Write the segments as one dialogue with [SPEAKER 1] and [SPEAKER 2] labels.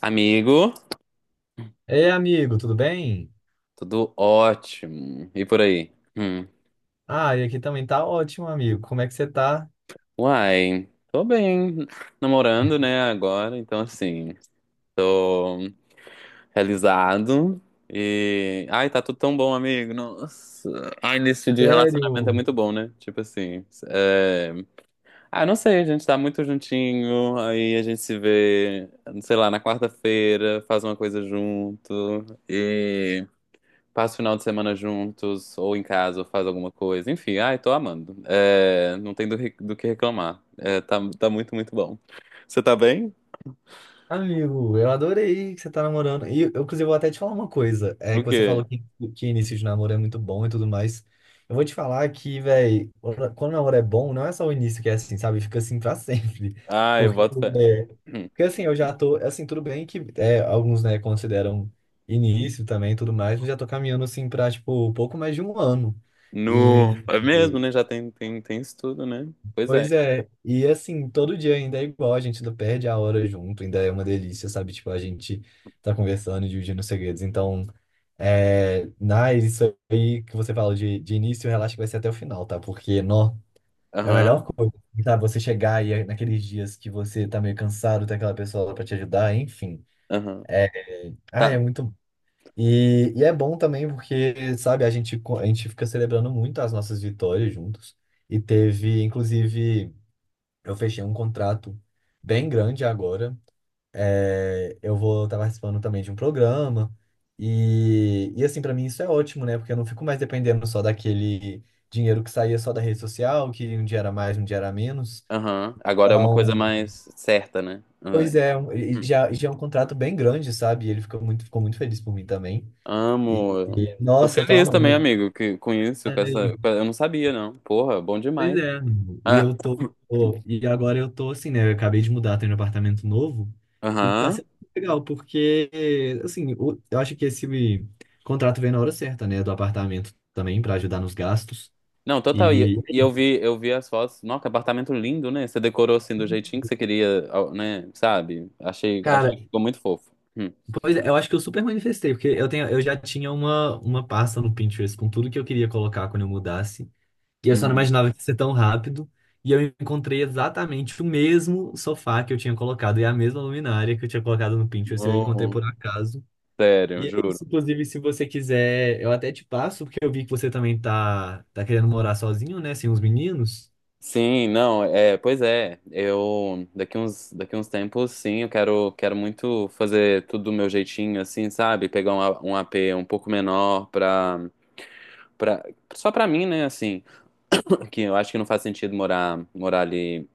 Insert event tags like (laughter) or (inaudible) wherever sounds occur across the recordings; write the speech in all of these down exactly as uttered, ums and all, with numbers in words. [SPEAKER 1] Amigo,
[SPEAKER 2] Ei, amigo, tudo bem?
[SPEAKER 1] tudo ótimo. E por aí? Hum.
[SPEAKER 2] Ah, e aqui também tá ótimo, amigo. Como é que você tá?
[SPEAKER 1] Uai, tô bem. Namorando, né, agora, então assim, tô realizado. E. Ai, tá tudo tão bom, amigo. Nossa. Ai, início de relacionamento é
[SPEAKER 2] Sério?
[SPEAKER 1] muito bom, né? Tipo assim. É. Ah, não sei, a gente tá muito juntinho, aí a gente se vê, sei lá, na quarta-feira, faz uma coisa junto. Passa o final de semana juntos, ou em casa, ou faz alguma coisa. Enfim, ai, tô amando. É, não tem do, re- do que reclamar. É, tá, tá muito, muito bom. Você tá bem?
[SPEAKER 2] Amigo, eu adorei que você tá namorando. E, eu, inclusive, vou até te falar uma coisa. É
[SPEAKER 1] O
[SPEAKER 2] que você
[SPEAKER 1] quê?
[SPEAKER 2] falou que, que início de namoro é muito bom e tudo mais. Eu vou te falar que, velho, quando o namoro é bom, não é só o início que é assim, sabe? Fica assim pra (laughs) sempre.
[SPEAKER 1] Ai, eu
[SPEAKER 2] Porque,
[SPEAKER 1] boto fé. (clears throat)
[SPEAKER 2] é,
[SPEAKER 1] Hum.
[SPEAKER 2] porque assim, eu já tô... Assim, tudo bem que é, alguns, né, consideram início também e tudo mais, mas já tô caminhando, assim, pra, tipo, pouco mais de um ano. E...
[SPEAKER 1] No. É mesmo, né? Já tem, tem, tem isso tudo, né? Pois é.
[SPEAKER 2] Pois é, e assim, todo dia ainda é igual, a gente não perde a hora junto, ainda é uma delícia, sabe? Tipo, a gente tá conversando, e dividindo segredos. Então, é, na, isso aí que você fala de, de início, relaxa que vai ser até o final, tá? Porque, nó, é a melhor
[SPEAKER 1] Aham,
[SPEAKER 2] coisa, tá? Você chegar e é naqueles dias que você tá meio cansado, tem aquela pessoa lá pra te ajudar, enfim.
[SPEAKER 1] aham.
[SPEAKER 2] É, ah, é
[SPEAKER 1] Tá.
[SPEAKER 2] muito bom. E, e é bom também porque, sabe, a gente, co- a gente fica celebrando muito as nossas vitórias juntos. E teve, inclusive. Eu fechei um contrato bem grande agora. É, eu vou estar participando também de um programa. E, e assim, para mim isso é ótimo, né? Porque eu não fico mais dependendo só daquele dinheiro que saía só da rede social, que um dia era mais, um dia era menos.
[SPEAKER 1] Aham. Agora é uma coisa
[SPEAKER 2] Então,
[SPEAKER 1] mais certa, né? Aham.
[SPEAKER 2] pois é, um- e
[SPEAKER 1] Hum.
[SPEAKER 2] já, e já é um contrato bem grande, sabe? E ele ficou muito, ficou muito feliz por mim também. E,
[SPEAKER 1] Amo.
[SPEAKER 2] e,
[SPEAKER 1] Tô
[SPEAKER 2] nossa, eu tô
[SPEAKER 1] feliz também,
[SPEAKER 2] amando.
[SPEAKER 1] amigo, que, com isso, com essa. Eu não sabia, não. Porra, bom
[SPEAKER 2] Pois
[SPEAKER 1] demais.
[SPEAKER 2] é. E
[SPEAKER 1] Ah.
[SPEAKER 2] eu tô. Pô, e agora eu tô assim, né? Eu acabei de mudar, tô em um apartamento novo. E tá
[SPEAKER 1] Aham.
[SPEAKER 2] sendo legal, porque, assim, o- eu acho que esse contrato veio na hora certa, né? Do apartamento também, pra ajudar nos gastos.
[SPEAKER 1] Não, total.
[SPEAKER 2] E,
[SPEAKER 1] E, e eu vi, eu vi as fotos. Nossa, que apartamento lindo, né? Você decorou assim do jeitinho que você queria, ao- né? Sabe? Achei, achei
[SPEAKER 2] cara,
[SPEAKER 1] que ficou muito fofo. Hum.
[SPEAKER 2] pois é, eu acho que eu super manifestei, porque eu tenho, eu já tinha uma, uma pasta no Pinterest com tudo que eu queria colocar quando eu mudasse. E eu só não
[SPEAKER 1] Uhum.
[SPEAKER 2] imaginava que ia ser tão rápido. E eu encontrei exatamente o mesmo sofá que eu tinha colocado e a mesma luminária que eu tinha colocado no Pinterest. Eu encontrei
[SPEAKER 1] Não,
[SPEAKER 2] por acaso.
[SPEAKER 1] sério,
[SPEAKER 2] E é
[SPEAKER 1] juro.
[SPEAKER 2] isso. Inclusive, se você quiser, eu até te passo, porque eu vi que você também tá, tá querendo morar sozinho, né? Sem os meninos.
[SPEAKER 1] Sim, não, é, pois é. Eu daqui uns, daqui uns tempos, sim, eu quero, quero muito fazer tudo do meu jeitinho, assim, sabe? Pegar um, A- um A P um pouco menor pra, pra, só pra mim, né? Assim, (laughs) (clears throat) que eu acho que não faz sentido morar, morar ali.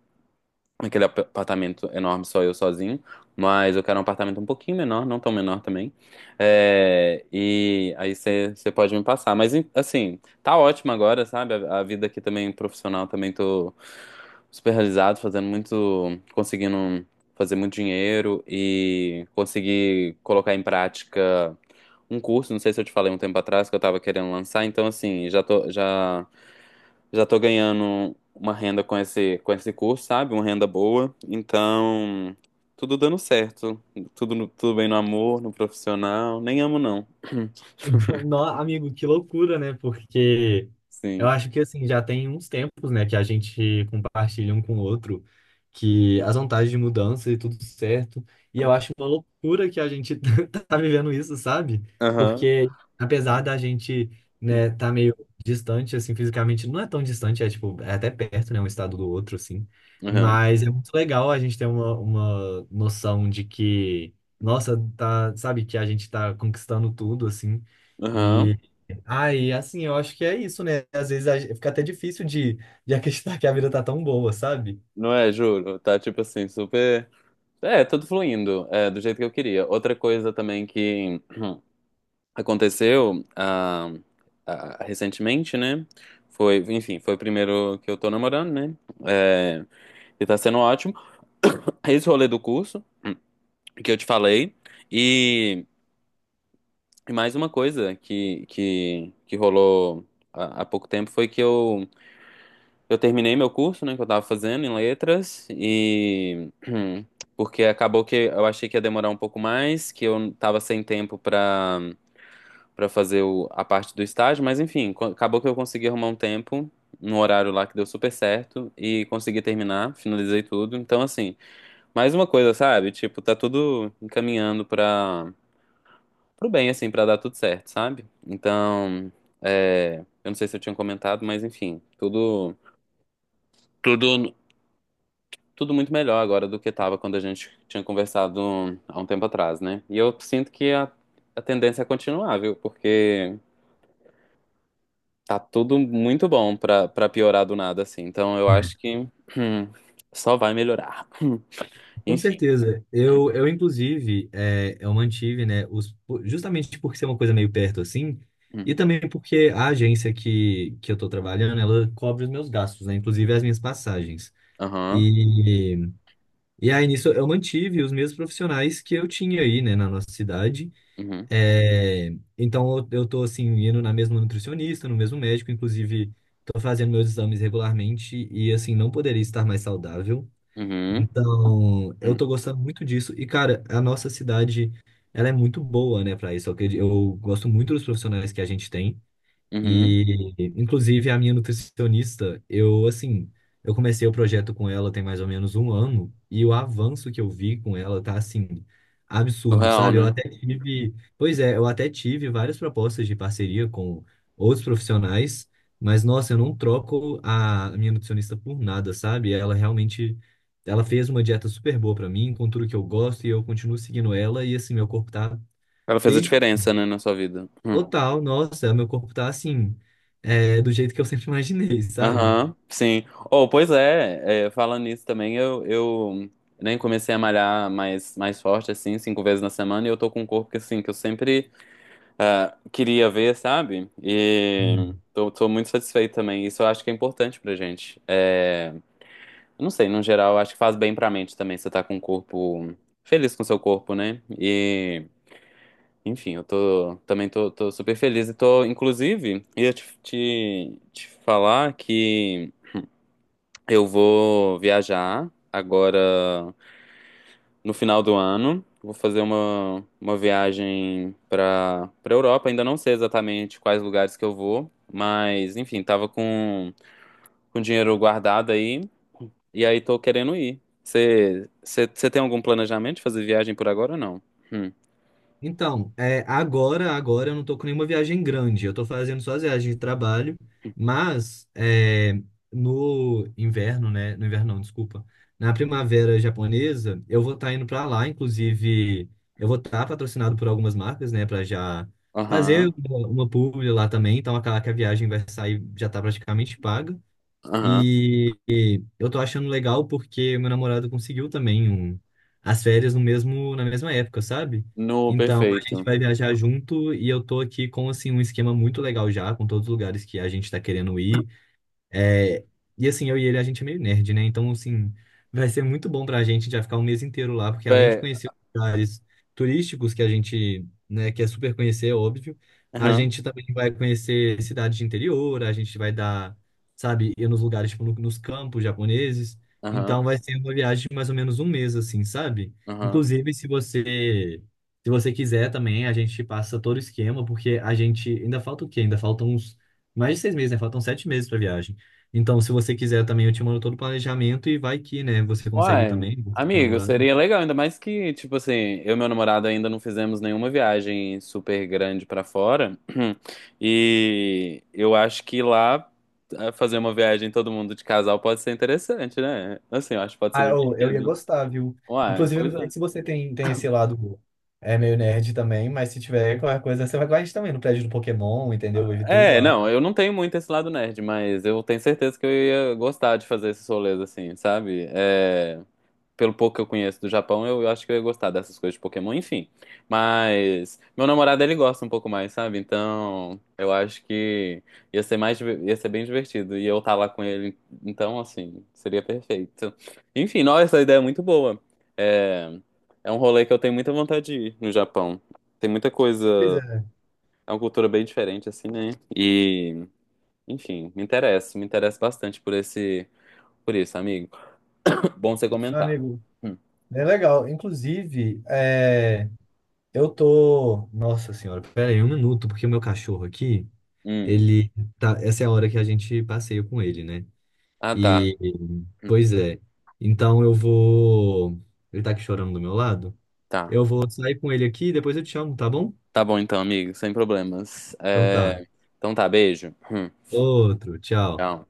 [SPEAKER 1] Aquele ap- apartamento enorme só eu sozinho, mas eu quero um apartamento um pouquinho menor, não tão menor também. É, e aí você pode me passar. Mas em- assim, tá ótimo agora, sabe? A, a vida aqui também profissional também tô super realizado, fazendo muito, conseguindo fazer muito dinheiro e conseguir colocar em prática um curso, não sei se eu te falei um tempo atrás que eu tava querendo lançar, então assim, já tô já já tô ganhando uma renda com esse, com esse curso, sabe? Uma renda boa. Então, tudo dando certo. Tudo, no- tudo bem no amor, no profissional. Nem amo, não.
[SPEAKER 2] (laughs) No- amigo, que loucura, né? Porque eu
[SPEAKER 1] Sim.
[SPEAKER 2] acho que assim, já tem uns tempos, né, que a gente compartilha um com o outro, que as vantagens de mudança e tudo certo. E eu acho uma loucura que a gente (laughs) tá vivendo isso, sabe?
[SPEAKER 1] Aham.
[SPEAKER 2] Porque apesar da gente, né, tá meio distante, assim, fisicamente, não é tão distante, é tipo, é até perto, né, um estado do outro, assim.
[SPEAKER 1] Aham.
[SPEAKER 2] Mas é muito legal a gente ter uma, uma noção de que, nossa, tá, sabe, que a gente tá conquistando tudo, assim.
[SPEAKER 1] Aham.
[SPEAKER 2] E aí, assim, eu acho que é isso, né? Às vezes a gen- fica até difícil de, de acreditar que a vida tá tão boa, sabe?
[SPEAKER 1] Não é, juro. Tá tipo assim, super. É, tudo fluindo, é, do jeito que eu queria. Outra coisa também que aconteceu ah, ah, recentemente, né? Foi, enfim, foi o primeiro que eu tô namorando, né? É, e tá sendo ótimo. (laughs) Esse rolê do curso que eu te falei. E, e mais uma coisa que, que, que rolou há, há pouco tempo foi que eu, eu terminei meu curso, né, que eu tava fazendo em letras, e (clears throat) porque acabou que eu achei que ia demorar um pouco mais, que eu tava sem tempo pra, para fazer o- a parte do estágio, mas enfim, co- acabou que eu consegui arrumar um tempo num horário lá que deu super certo e consegui terminar, finalizei tudo. Então, assim, mais uma coisa, sabe? Tipo, tá tudo encaminhando pra pro bem, assim, pra dar tudo certo, sabe? Então, é, eu não sei se eu tinha comentado, mas enfim, tudo, tudo, tudo muito melhor agora do que tava quando a gente tinha conversado há um tempo atrás, né? E eu sinto que a, a tendência é continuar, viu? Porque tá tudo muito bom pra, pra piorar do nada, assim. Então, eu acho que hum, só vai melhorar. (laughs) Hum,
[SPEAKER 2] Com
[SPEAKER 1] Enfim.
[SPEAKER 2] certeza. Eu, eu inclusive, é, eu mantive, né, os, por- justamente porque ser uma coisa meio perto assim, e
[SPEAKER 1] Uhum.
[SPEAKER 2] também porque a agência que, que eu tô trabalhando, ela cobre os meus gastos, né, inclusive as minhas passagens.
[SPEAKER 1] Aham.
[SPEAKER 2] E, e aí nisso eu mantive os mesmos profissionais que eu tinha aí, né, na nossa cidade.
[SPEAKER 1] Uhum.
[SPEAKER 2] É, então eu, eu tô assim indo na mesma nutricionista, no mesmo médico, inclusive tô fazendo meus exames regularmente e assim não poderia estar mais saudável.
[SPEAKER 1] Uhum.
[SPEAKER 2] Então, eu
[SPEAKER 1] Uhum.
[SPEAKER 2] tô gostando muito disso e cara, a nossa cidade ela é muito boa, né, para isso. Eu, acredi- eu gosto muito dos profissionais que a gente tem.
[SPEAKER 1] Uhum.
[SPEAKER 2] E, inclusive, a minha nutricionista, eu, assim, eu comecei o projeto com ela tem mais ou menos um ano, e o avanço que eu vi com ela tá, assim, absurdo,
[SPEAKER 1] Real,
[SPEAKER 2] sabe? Eu
[SPEAKER 1] né?
[SPEAKER 2] até tive, pois é, eu até tive várias propostas de parceria com outros profissionais, mas, nossa, eu não troco a minha nutricionista por nada, sabe? Ela realmente, ela fez uma dieta super boa pra mim, com tudo que eu gosto, e eu continuo seguindo ela, e, assim, meu corpo tá
[SPEAKER 1] Ela fez a
[SPEAKER 2] perfeito.
[SPEAKER 1] diferença, né, na sua vida. Hum.
[SPEAKER 2] Total, nossa, meu corpo tá assim, é, do jeito que eu sempre imaginei, sabe?
[SPEAKER 1] Aham, sim. Oh, pois é, é, falando nisso também, eu, eu nem comecei a malhar mais, mais forte, assim, cinco vezes na semana, e eu tô com um corpo que, assim, que eu sempre ah, queria ver, sabe? E
[SPEAKER 2] Hum.
[SPEAKER 1] tô, tô muito satisfeito também. Isso eu acho que é importante pra gente. É, eu não sei, no geral, eu acho que faz bem pra mente também, você tá com um corpo feliz com o seu corpo, né? E, enfim, eu tô, também tô, tô super feliz e tô, inclusive, ia te, te, te falar que. Eu vou viajar agora no final do ano. Vou fazer uma, uma viagem para para Europa. Ainda não sei exatamente quais lugares que eu vou, mas enfim, tava com, com dinheiro guardado aí e aí tô querendo ir. Você tem algum planejamento de fazer viagem por agora ou não? Hum.
[SPEAKER 2] Então, é, agora, agora eu não tô com nenhuma viagem grande, eu tô fazendo só as viagens de trabalho, mas é, no inverno, né? No inverno não, desculpa. Na primavera japonesa, eu vou estar indo pra lá, inclusive, eu vou estar patrocinado por algumas marcas, né, pra já fazer
[SPEAKER 1] Aham,
[SPEAKER 2] uma, uma publi lá também, então aquela que a viagem vai sair já tá praticamente paga.
[SPEAKER 1] aham.
[SPEAKER 2] E, e eu tô achando legal porque meu namorado conseguiu também um- as férias no mesmo, na mesma época, sabe?
[SPEAKER 1] No
[SPEAKER 2] Então a
[SPEAKER 1] perfeito.
[SPEAKER 2] gente vai viajar junto e eu tô aqui com assim um esquema muito legal já, com todos os lugares que a gente tá querendo ir. É, e assim, eu e ele, a gente é meio nerd, né? Então, assim, vai ser muito bom pra gente já ficar um mês inteiro lá, porque além de
[SPEAKER 1] Bé,
[SPEAKER 2] conhecer os lugares turísticos que a gente, né, quer super conhecer, é óbvio, a
[SPEAKER 1] aham,
[SPEAKER 2] gente também vai conhecer cidades de interior, a gente vai dar, sabe, ir nos lugares, tipo, no- nos campos japoneses.
[SPEAKER 1] aham,
[SPEAKER 2] Então, vai ser uma viagem de mais ou menos um mês, assim, sabe?
[SPEAKER 1] aham.
[SPEAKER 2] Inclusive, se você, se você quiser também, a gente passa todo o esquema, porque a gente, ainda falta o quê? Ainda faltam uns, mais de seis meses, né? Faltam sete meses pra viagem. Então, se você quiser também, eu te mando todo o planejamento e vai que, né, você consegue
[SPEAKER 1] Uai,
[SPEAKER 2] também, você tá
[SPEAKER 1] amigo,
[SPEAKER 2] namorado.
[SPEAKER 1] seria legal, ainda mais que, tipo assim, eu e meu namorado ainda não fizemos nenhuma viagem super grande pra fora. (clears throat) E eu acho que lá eh, fazer uma viagem todo mundo de casal pode ser interessante, né? Assim, eu acho que pode ser
[SPEAKER 2] Ah, eu, eu ia
[SPEAKER 1] divertido.
[SPEAKER 2] gostar, viu?
[SPEAKER 1] Uai,
[SPEAKER 2] Inclusive, eu
[SPEAKER 1] pois
[SPEAKER 2] não sei
[SPEAKER 1] é.
[SPEAKER 2] se você tem, tem esse lado é meio nerd também, mas se tiver qualquer coisa, você vai com a gente também no prédio do Pokémon, entendeu? Vive tudo
[SPEAKER 1] É,
[SPEAKER 2] lá.
[SPEAKER 1] não, eu não tenho muito esse lado nerd, mas eu tenho certeza que eu ia gostar de fazer esses rolês assim, sabe? É, pelo pouco que eu conheço do Japão, eu, eu acho que eu ia gostar dessas coisas de Pokémon, enfim. Mas meu namorado, ele gosta um pouco mais, sabe? Então, eu acho que ia ser mais, diver- ia ser bem divertido. E eu estar lá com ele, então, assim, seria perfeito. Enfim, nossa, essa ideia é muito boa. É, é um rolê que eu tenho muita vontade de ir no Japão. Tem muita
[SPEAKER 2] Pois
[SPEAKER 1] coisa,
[SPEAKER 2] é,
[SPEAKER 1] é uma cultura bem diferente, assim, né? E, enfim, me interessa, me interessa bastante por esse, por isso, amigo. (laughs) Bom você comentar.
[SPEAKER 2] amigo.
[SPEAKER 1] Hum,
[SPEAKER 2] É legal. Inclusive, é, eu tô. Nossa senhora, pera aí um minuto, porque o meu cachorro aqui,
[SPEAKER 1] hum.
[SPEAKER 2] ele tá, essa é a hora que a gente passeia com ele, né?
[SPEAKER 1] Ah, tá.
[SPEAKER 2] E, pois é. Então eu vou. Ele tá aqui chorando do meu lado.
[SPEAKER 1] Tá.
[SPEAKER 2] Eu vou sair com ele aqui e depois eu te chamo, tá bom?
[SPEAKER 1] Tá bom então, amigo, sem problemas.
[SPEAKER 2] Então tá.
[SPEAKER 1] É, então tá, beijo. Hum.
[SPEAKER 2] Outro, tchau.
[SPEAKER 1] Tchau.